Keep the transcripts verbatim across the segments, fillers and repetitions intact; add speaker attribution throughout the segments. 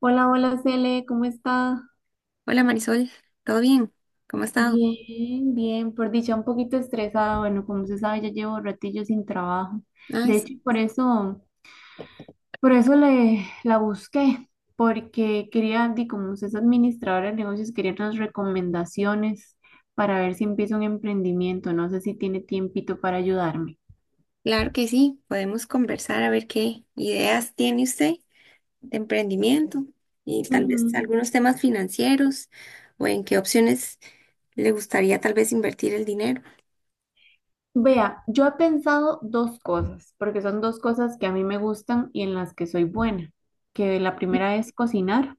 Speaker 1: Hola, hola Cele, ¿cómo está?
Speaker 2: Hola Marisol, ¿todo bien? ¿Cómo ha estado?
Speaker 1: Bien, bien, por dicha un poquito estresada, bueno, como se sabe, ya llevo ratillo sin trabajo.
Speaker 2: Ay,
Speaker 1: De hecho,
Speaker 2: sí,
Speaker 1: por eso, por eso le la busqué, porque quería, di, como usted es administradora de negocios, quería unas recomendaciones para ver si empiezo un emprendimiento. No sé si tiene tiempito para ayudarme.
Speaker 2: claro que sí, podemos conversar a ver qué ideas tiene usted de emprendimiento y tal vez
Speaker 1: Ujú.
Speaker 2: algunos temas financieros o en qué opciones le gustaría tal vez invertir el dinero.
Speaker 1: Vea, yo he pensado dos cosas, porque son dos cosas que a mí me gustan y en las que soy buena, que la primera es cocinar.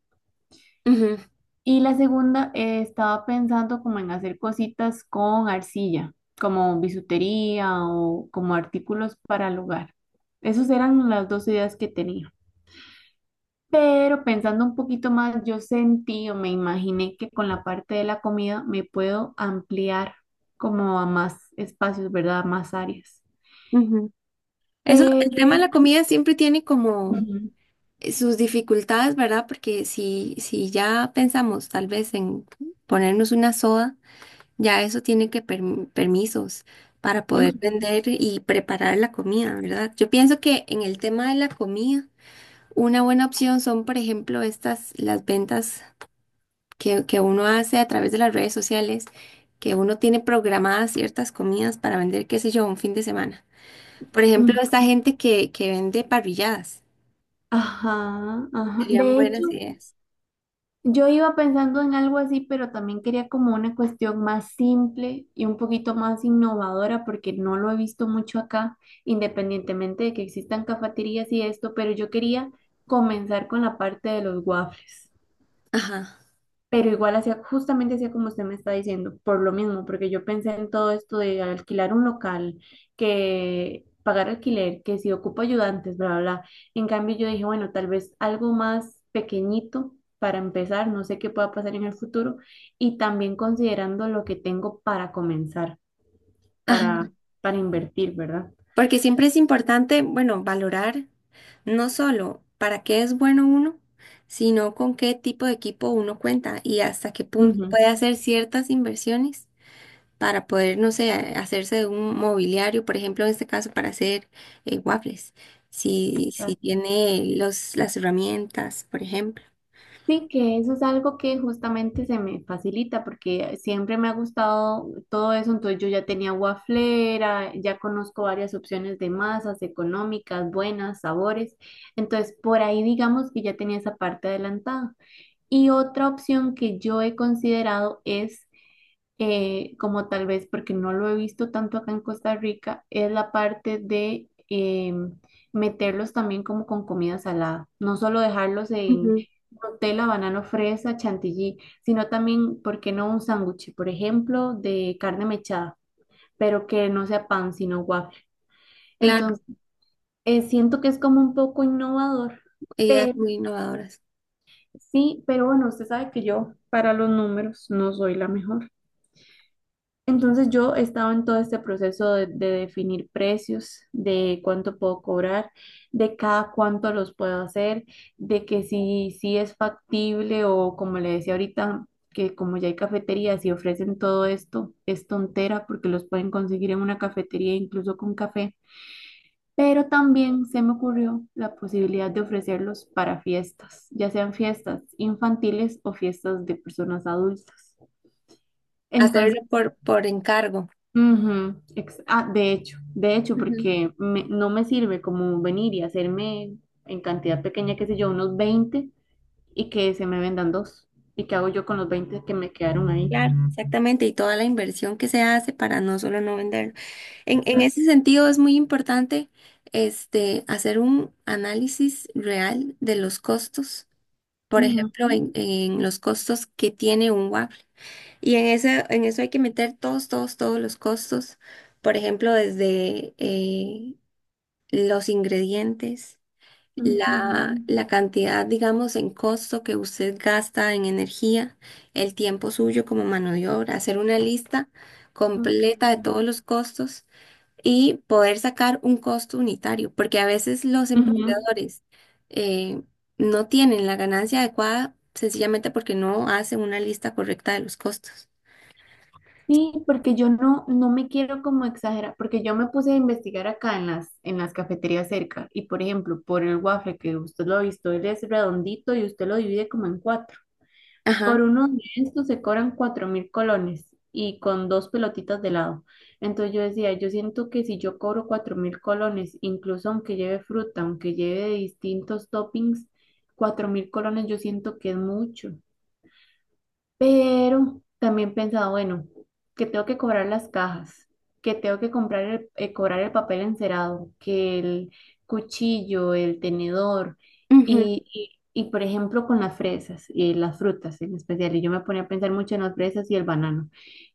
Speaker 2: Ujú,
Speaker 1: Y la segunda, eh, estaba pensando como en hacer cositas con arcilla, como bisutería o como artículos para el hogar. Esas eran las dos ideas que tenía. Pero pensando un poquito más, yo sentí o me imaginé que con la parte de la comida me puedo ampliar como a más espacios, ¿verdad? A más áreas.
Speaker 2: ujú. Eso, el
Speaker 1: Pero,
Speaker 2: tema de la comida siempre tiene como
Speaker 1: ujú.
Speaker 2: eh, sus dificultades, ¿verdad? Porque si, si ya pensamos tal vez en ponernos una soda, ya eso tiene que perm- permisos para poder
Speaker 1: Ujú,
Speaker 2: vender y preparar la comida, ¿verdad? Yo pienso que en el tema de la comida, una buena opción son, por ejemplo, estas, las ventas que, que uno hace a través de las redes sociales, que uno tiene programadas ciertas comidas para vender, qué sé yo, un fin de semana. Por ejemplo,
Speaker 1: ujú.
Speaker 2: esta gente que, que vende parrilladas,
Speaker 1: Ajá, ajá.
Speaker 2: serían
Speaker 1: De
Speaker 2: buenas
Speaker 1: hecho,
Speaker 2: ideas.
Speaker 1: yo iba pensando en algo así, pero también quería como una cuestión más simple y un poquito más innovadora, porque no lo he visto mucho acá, independientemente de que existan cafeterías y esto, pero yo quería comenzar con la parte de los waffles.
Speaker 2: Ajá.
Speaker 1: Pero igual hacía, justamente hacía como usted me está diciendo, por lo mismo, porque yo pensé en todo esto de alquilar un local, que pagar alquiler, que si ocupo ayudantes, bla, bla, bla. En cambio, yo dije, bueno, tal vez algo más pequeñito para empezar, no sé qué pueda pasar en el futuro, y también considerando lo que tengo para comenzar, para,
Speaker 2: Ajá.
Speaker 1: para invertir, ¿verdad?
Speaker 2: Porque siempre es importante, bueno, valorar no solo para qué es bueno uno, sino con qué tipo de equipo uno cuenta y hasta qué punto
Speaker 1: Ujú,
Speaker 2: puede hacer ciertas inversiones para poder, no sé, hacerse de un mobiliario, por ejemplo, en este caso para hacer eh, waffles, si, si
Speaker 1: exacto.
Speaker 2: tiene los, las herramientas, por ejemplo.
Speaker 1: Sí, que eso es algo que justamente se me facilita porque siempre me ha gustado todo eso, entonces yo ya tenía waflera, ya conozco varias opciones de masas económicas, buenas, sabores, entonces por ahí digamos que ya tenía esa parte adelantada. Y otra opción que yo he considerado es eh, como tal vez porque no lo he visto tanto acá en Costa Rica, es la parte de em, meterlos también como con comida salada, no solo dejarlos en
Speaker 2: Ujú.
Speaker 1: Nutella, banano, fresa, chantilly, sino también, ¿por qué no un sándwich, por ejemplo, de carne mechada, pero que no sea pan, sino waffle?
Speaker 2: Claro,
Speaker 1: Entonces, eh, siento que es como un poco innovador,
Speaker 2: ideas
Speaker 1: pero
Speaker 2: muy innovadoras.
Speaker 1: sí, pero bueno, usted sabe que yo para los números no soy la mejor. Entonces yo estaba en todo este proceso de, de definir precios, de cuánto puedo cobrar, de cada cuánto los puedo hacer, de que si, si es factible o como le decía ahorita, que como ya hay cafeterías y ofrecen todo esto, es tontera porque los pueden conseguir en una cafetería incluso con café. Pero también se me ocurrió la posibilidad de ofrecerlos para fiestas, ya sean fiestas infantiles o fiestas de personas adultas.
Speaker 2: Hacerlo
Speaker 1: Entonces,
Speaker 2: por, por encargo.
Speaker 1: ujú, ex- ah, de hecho, de hecho, porque me- no me sirve como venir y hacerme en cantidad pequeña, qué sé yo, unos veinte y que se me vendan dos. ¿Y qué hago yo con los veinte que me quedaron ahí?
Speaker 2: Claro, exactamente, y toda la inversión que se hace para no solo no venderlo. En, en ese
Speaker 1: Exacto.
Speaker 2: sentido es muy importante este, hacer un análisis real de los costos, por
Speaker 1: Ujú,
Speaker 2: ejemplo, en, en los costos que tiene un waffle. Y en ese, en eso hay que meter todos, todos, todos los costos, por ejemplo, desde eh, los ingredientes, la,
Speaker 1: ujú,
Speaker 2: la cantidad, digamos, en costo que usted gasta en energía, el tiempo suyo como mano de obra, hacer una lista
Speaker 1: ok.
Speaker 2: completa de todos los costos y poder sacar un costo unitario, porque a veces los
Speaker 1: Ujú.
Speaker 2: emprendedores eh, no tienen la ganancia adecuada sencillamente porque no hacen una lista correcta de los costos.
Speaker 1: Sí, porque yo no, no me quiero como exagerar, porque yo me puse a investigar acá en las, en las cafeterías cerca y por ejemplo, por el waffle que usted lo ha visto, él es redondito y usted lo divide como en cuatro.
Speaker 2: Ajá.
Speaker 1: Por uno de estos se cobran cuatro mil colones y con dos pelotitas de helado. Entonces yo decía, yo siento que si yo cobro cuatro mil colones, incluso aunque lleve fruta, aunque lleve de distintos toppings, cuatro mil colones yo siento que es mucho. Pero también he pensado bueno, que tengo que cobrar las cajas, que tengo que comprar el, eh, cobrar el papel encerado, que el cuchillo, el tenedor
Speaker 2: Ujú.
Speaker 1: y, y, y, por ejemplo con las fresas y las frutas en especial. Y yo me ponía a pensar mucho en las fresas y el banano,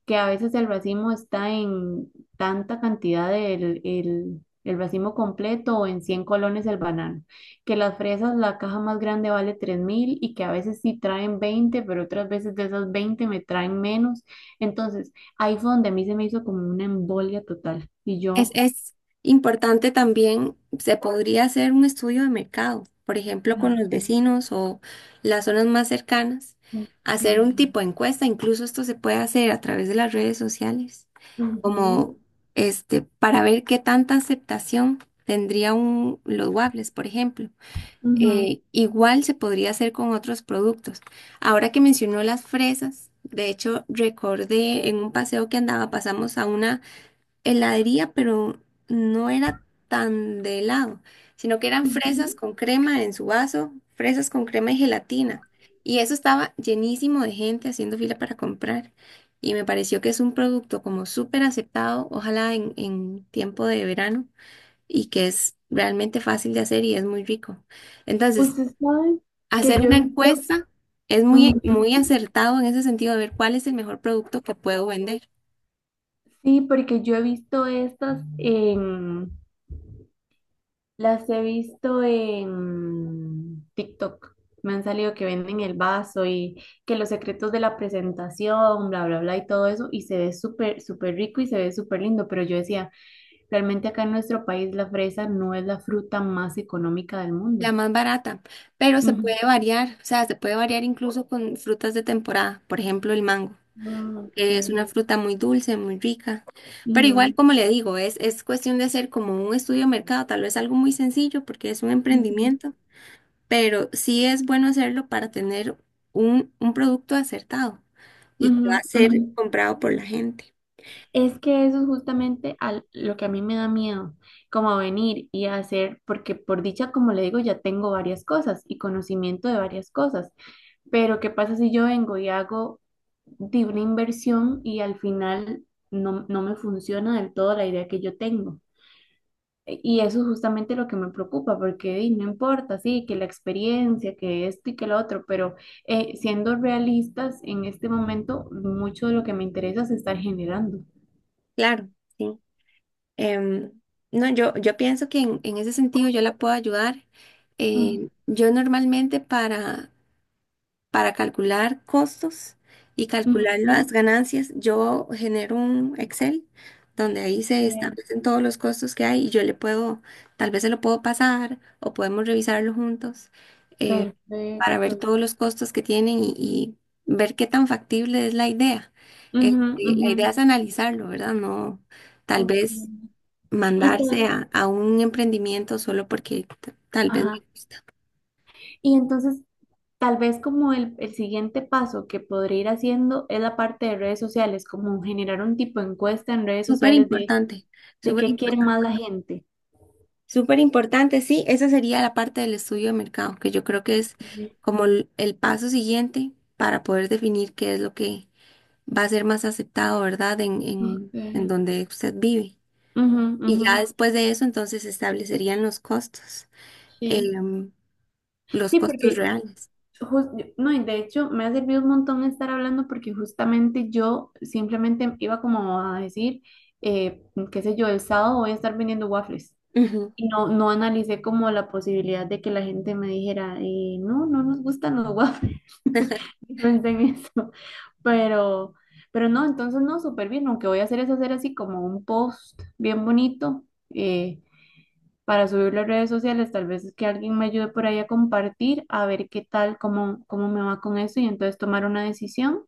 Speaker 1: que a veces el racimo está en tanta cantidad del el, el racimo completo o en cien colones el banano que las fresas, la caja más grande vale tres mil y que a veces sí traen veinte pero otras veces de esas veinte me traen menos. Entonces, ahí fue donde a mí se me hizo como una embolia total. Y
Speaker 2: Es,
Speaker 1: yo,
Speaker 2: es importante también, se podría hacer un estudio de mercado, por ejemplo, con
Speaker 1: ah,
Speaker 2: los vecinos o las zonas más cercanas,
Speaker 1: ok.
Speaker 2: hacer un tipo de encuesta, incluso esto se puede hacer a través de las redes sociales,
Speaker 1: Ujú,
Speaker 2: como este, para ver qué tanta aceptación tendría un, los waffles, por ejemplo.
Speaker 1: ujú.
Speaker 2: Eh, igual se podría hacer con otros productos. Ahora que mencionó las fresas, de hecho, recordé en un paseo que andaba, pasamos a una heladería, pero no era tan de helado, sino que eran fresas
Speaker 1: Ujú.
Speaker 2: con crema en su vaso, fresas con crema y gelatina. Y eso estaba llenísimo de gente haciendo fila para comprar. Y me pareció que es un producto como súper aceptado, ojalá en, en tiempo de verano, y que es realmente fácil de hacer y es muy rico. Entonces,
Speaker 1: Usted sabe que
Speaker 2: hacer
Speaker 1: yo he
Speaker 2: una
Speaker 1: visto,
Speaker 2: encuesta es muy, muy
Speaker 1: ujú,
Speaker 2: acertado en ese sentido de ver cuál es el mejor producto que puedo vender.
Speaker 1: sí, porque yo he visto estas en, las he visto en TikTok. Me han salido que venden el vaso y que los secretos de la presentación, bla, bla, bla y todo eso. Y se ve súper, súper rico y se ve súper lindo. Pero yo decía, realmente acá en nuestro país la fresa no es la fruta más económica del
Speaker 2: La
Speaker 1: mundo.
Speaker 2: más barata, pero se puede
Speaker 1: Ujú.
Speaker 2: variar, o sea, se puede variar incluso con frutas de temporada, por ejemplo, el mango,
Speaker 1: Ah, ok.
Speaker 2: que es una fruta muy dulce, muy rica, pero igual
Speaker 1: Ujú,
Speaker 2: como le digo, es, es cuestión de hacer como un estudio de mercado, tal vez algo muy sencillo porque es un
Speaker 1: ujú,
Speaker 2: emprendimiento, pero sí es bueno hacerlo para tener un, un producto acertado y que va
Speaker 1: ujú,
Speaker 2: a
Speaker 1: ujú.
Speaker 2: ser comprado por la gente.
Speaker 1: Es que eso es justamente al- lo que a mí me da miedo, como a venir y a hacer, porque por dicha, como le digo, ya tengo varias cosas y conocimiento de varias cosas, pero ¿qué pasa si yo vengo y hago de una inversión y al final no, no me funciona del todo la idea que yo tengo? E- Y eso es justamente lo que me preocupa, porque di, no importa, sí, que la experiencia, que esto y que lo otro, pero eh, siendo realistas, en este momento mucho de lo que me interesa es estar generando.
Speaker 2: Claro, sí. Em, no, yo, yo pienso que en, en ese sentido yo la puedo ayudar.
Speaker 1: Ujú.
Speaker 2: Eh, yo normalmente para para calcular costos y calcular
Speaker 1: Ujú.
Speaker 2: las ganancias, yo genero un Excel donde ahí se
Speaker 1: Bien,
Speaker 2: establecen todos los costos que hay y yo le puedo, tal vez se lo puedo pasar o podemos revisarlo juntos eh, para ver
Speaker 1: perfecto.
Speaker 2: todos los costos que tienen y, y ver qué tan factible es la idea.
Speaker 1: Ujú,
Speaker 2: Este, la
Speaker 1: ujú,
Speaker 2: idea es analizarlo, ¿verdad? No, tal
Speaker 1: ok.
Speaker 2: vez
Speaker 1: Y, ta-
Speaker 2: mandarse a, a un emprendimiento solo porque t- tal vez me
Speaker 1: ajá.
Speaker 2: gusta.
Speaker 1: Y entonces, tal vez como el, el siguiente paso que podría ir haciendo es la parte de redes sociales, como generar un tipo de encuesta en redes
Speaker 2: Súper
Speaker 1: sociales de,
Speaker 2: importante.
Speaker 1: de
Speaker 2: Súper
Speaker 1: qué quiere
Speaker 2: importante.
Speaker 1: más la gente.
Speaker 2: Súper importante, sí, esa sería la parte del estudio de mercado, que yo creo que es
Speaker 1: Ujú.
Speaker 2: como el, el paso siguiente para poder definir qué es lo que va a ser más aceptado, ¿verdad? En, en, en
Speaker 1: Ok.
Speaker 2: donde usted vive.
Speaker 1: Ujú,
Speaker 2: Y
Speaker 1: ujú,
Speaker 2: ya después de eso, entonces se establecerían los costos,
Speaker 1: sí.
Speaker 2: em, los
Speaker 1: Sí,
Speaker 2: costos
Speaker 1: porque
Speaker 2: reales.
Speaker 1: jus- no, y de hecho me ha servido un montón estar hablando porque justamente yo simplemente iba como a decir, eh, qué sé yo, el sábado voy a estar vendiendo waffles.
Speaker 2: Ujú.
Speaker 1: Y no, no analicé como la posibilidad de que la gente me dijera, eh, no, no nos gustan los waffles. Yo pensé en eso. Pero, pero no, entonces no, súper bien. Lo que voy a hacer es hacer así como un post bien bonito eh, para subirlo a redes sociales. Tal vez es que alguien me ayude por ahí a compartir, a ver qué tal, cómo, cómo me va con eso y entonces tomar una decisión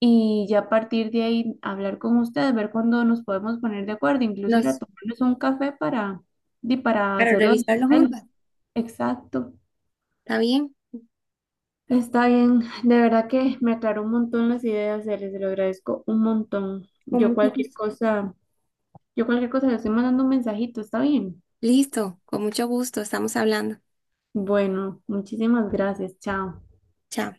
Speaker 1: y ya a partir de ahí hablar con ustedes, ver cuándo nos podemos poner de acuerdo, incluso ir a
Speaker 2: Nos,
Speaker 1: tomarnos un café para, di, para
Speaker 2: para
Speaker 1: hacerlo
Speaker 2: revisarlo
Speaker 1: digital.
Speaker 2: juntas,
Speaker 1: Exacto.
Speaker 2: ¿está bien?
Speaker 1: Está bien, de verdad que me aclaró un montón las ideas, se les lo agradezco un montón.
Speaker 2: Con
Speaker 1: Yo
Speaker 2: mucho
Speaker 1: cualquier
Speaker 2: gusto.
Speaker 1: cosa, yo cualquier cosa les estoy mandando un mensajito, ¿está bien?
Speaker 2: Listo, con mucho gusto, estamos hablando.
Speaker 1: Bueno, muchísimas gracias, chao.
Speaker 2: Chao.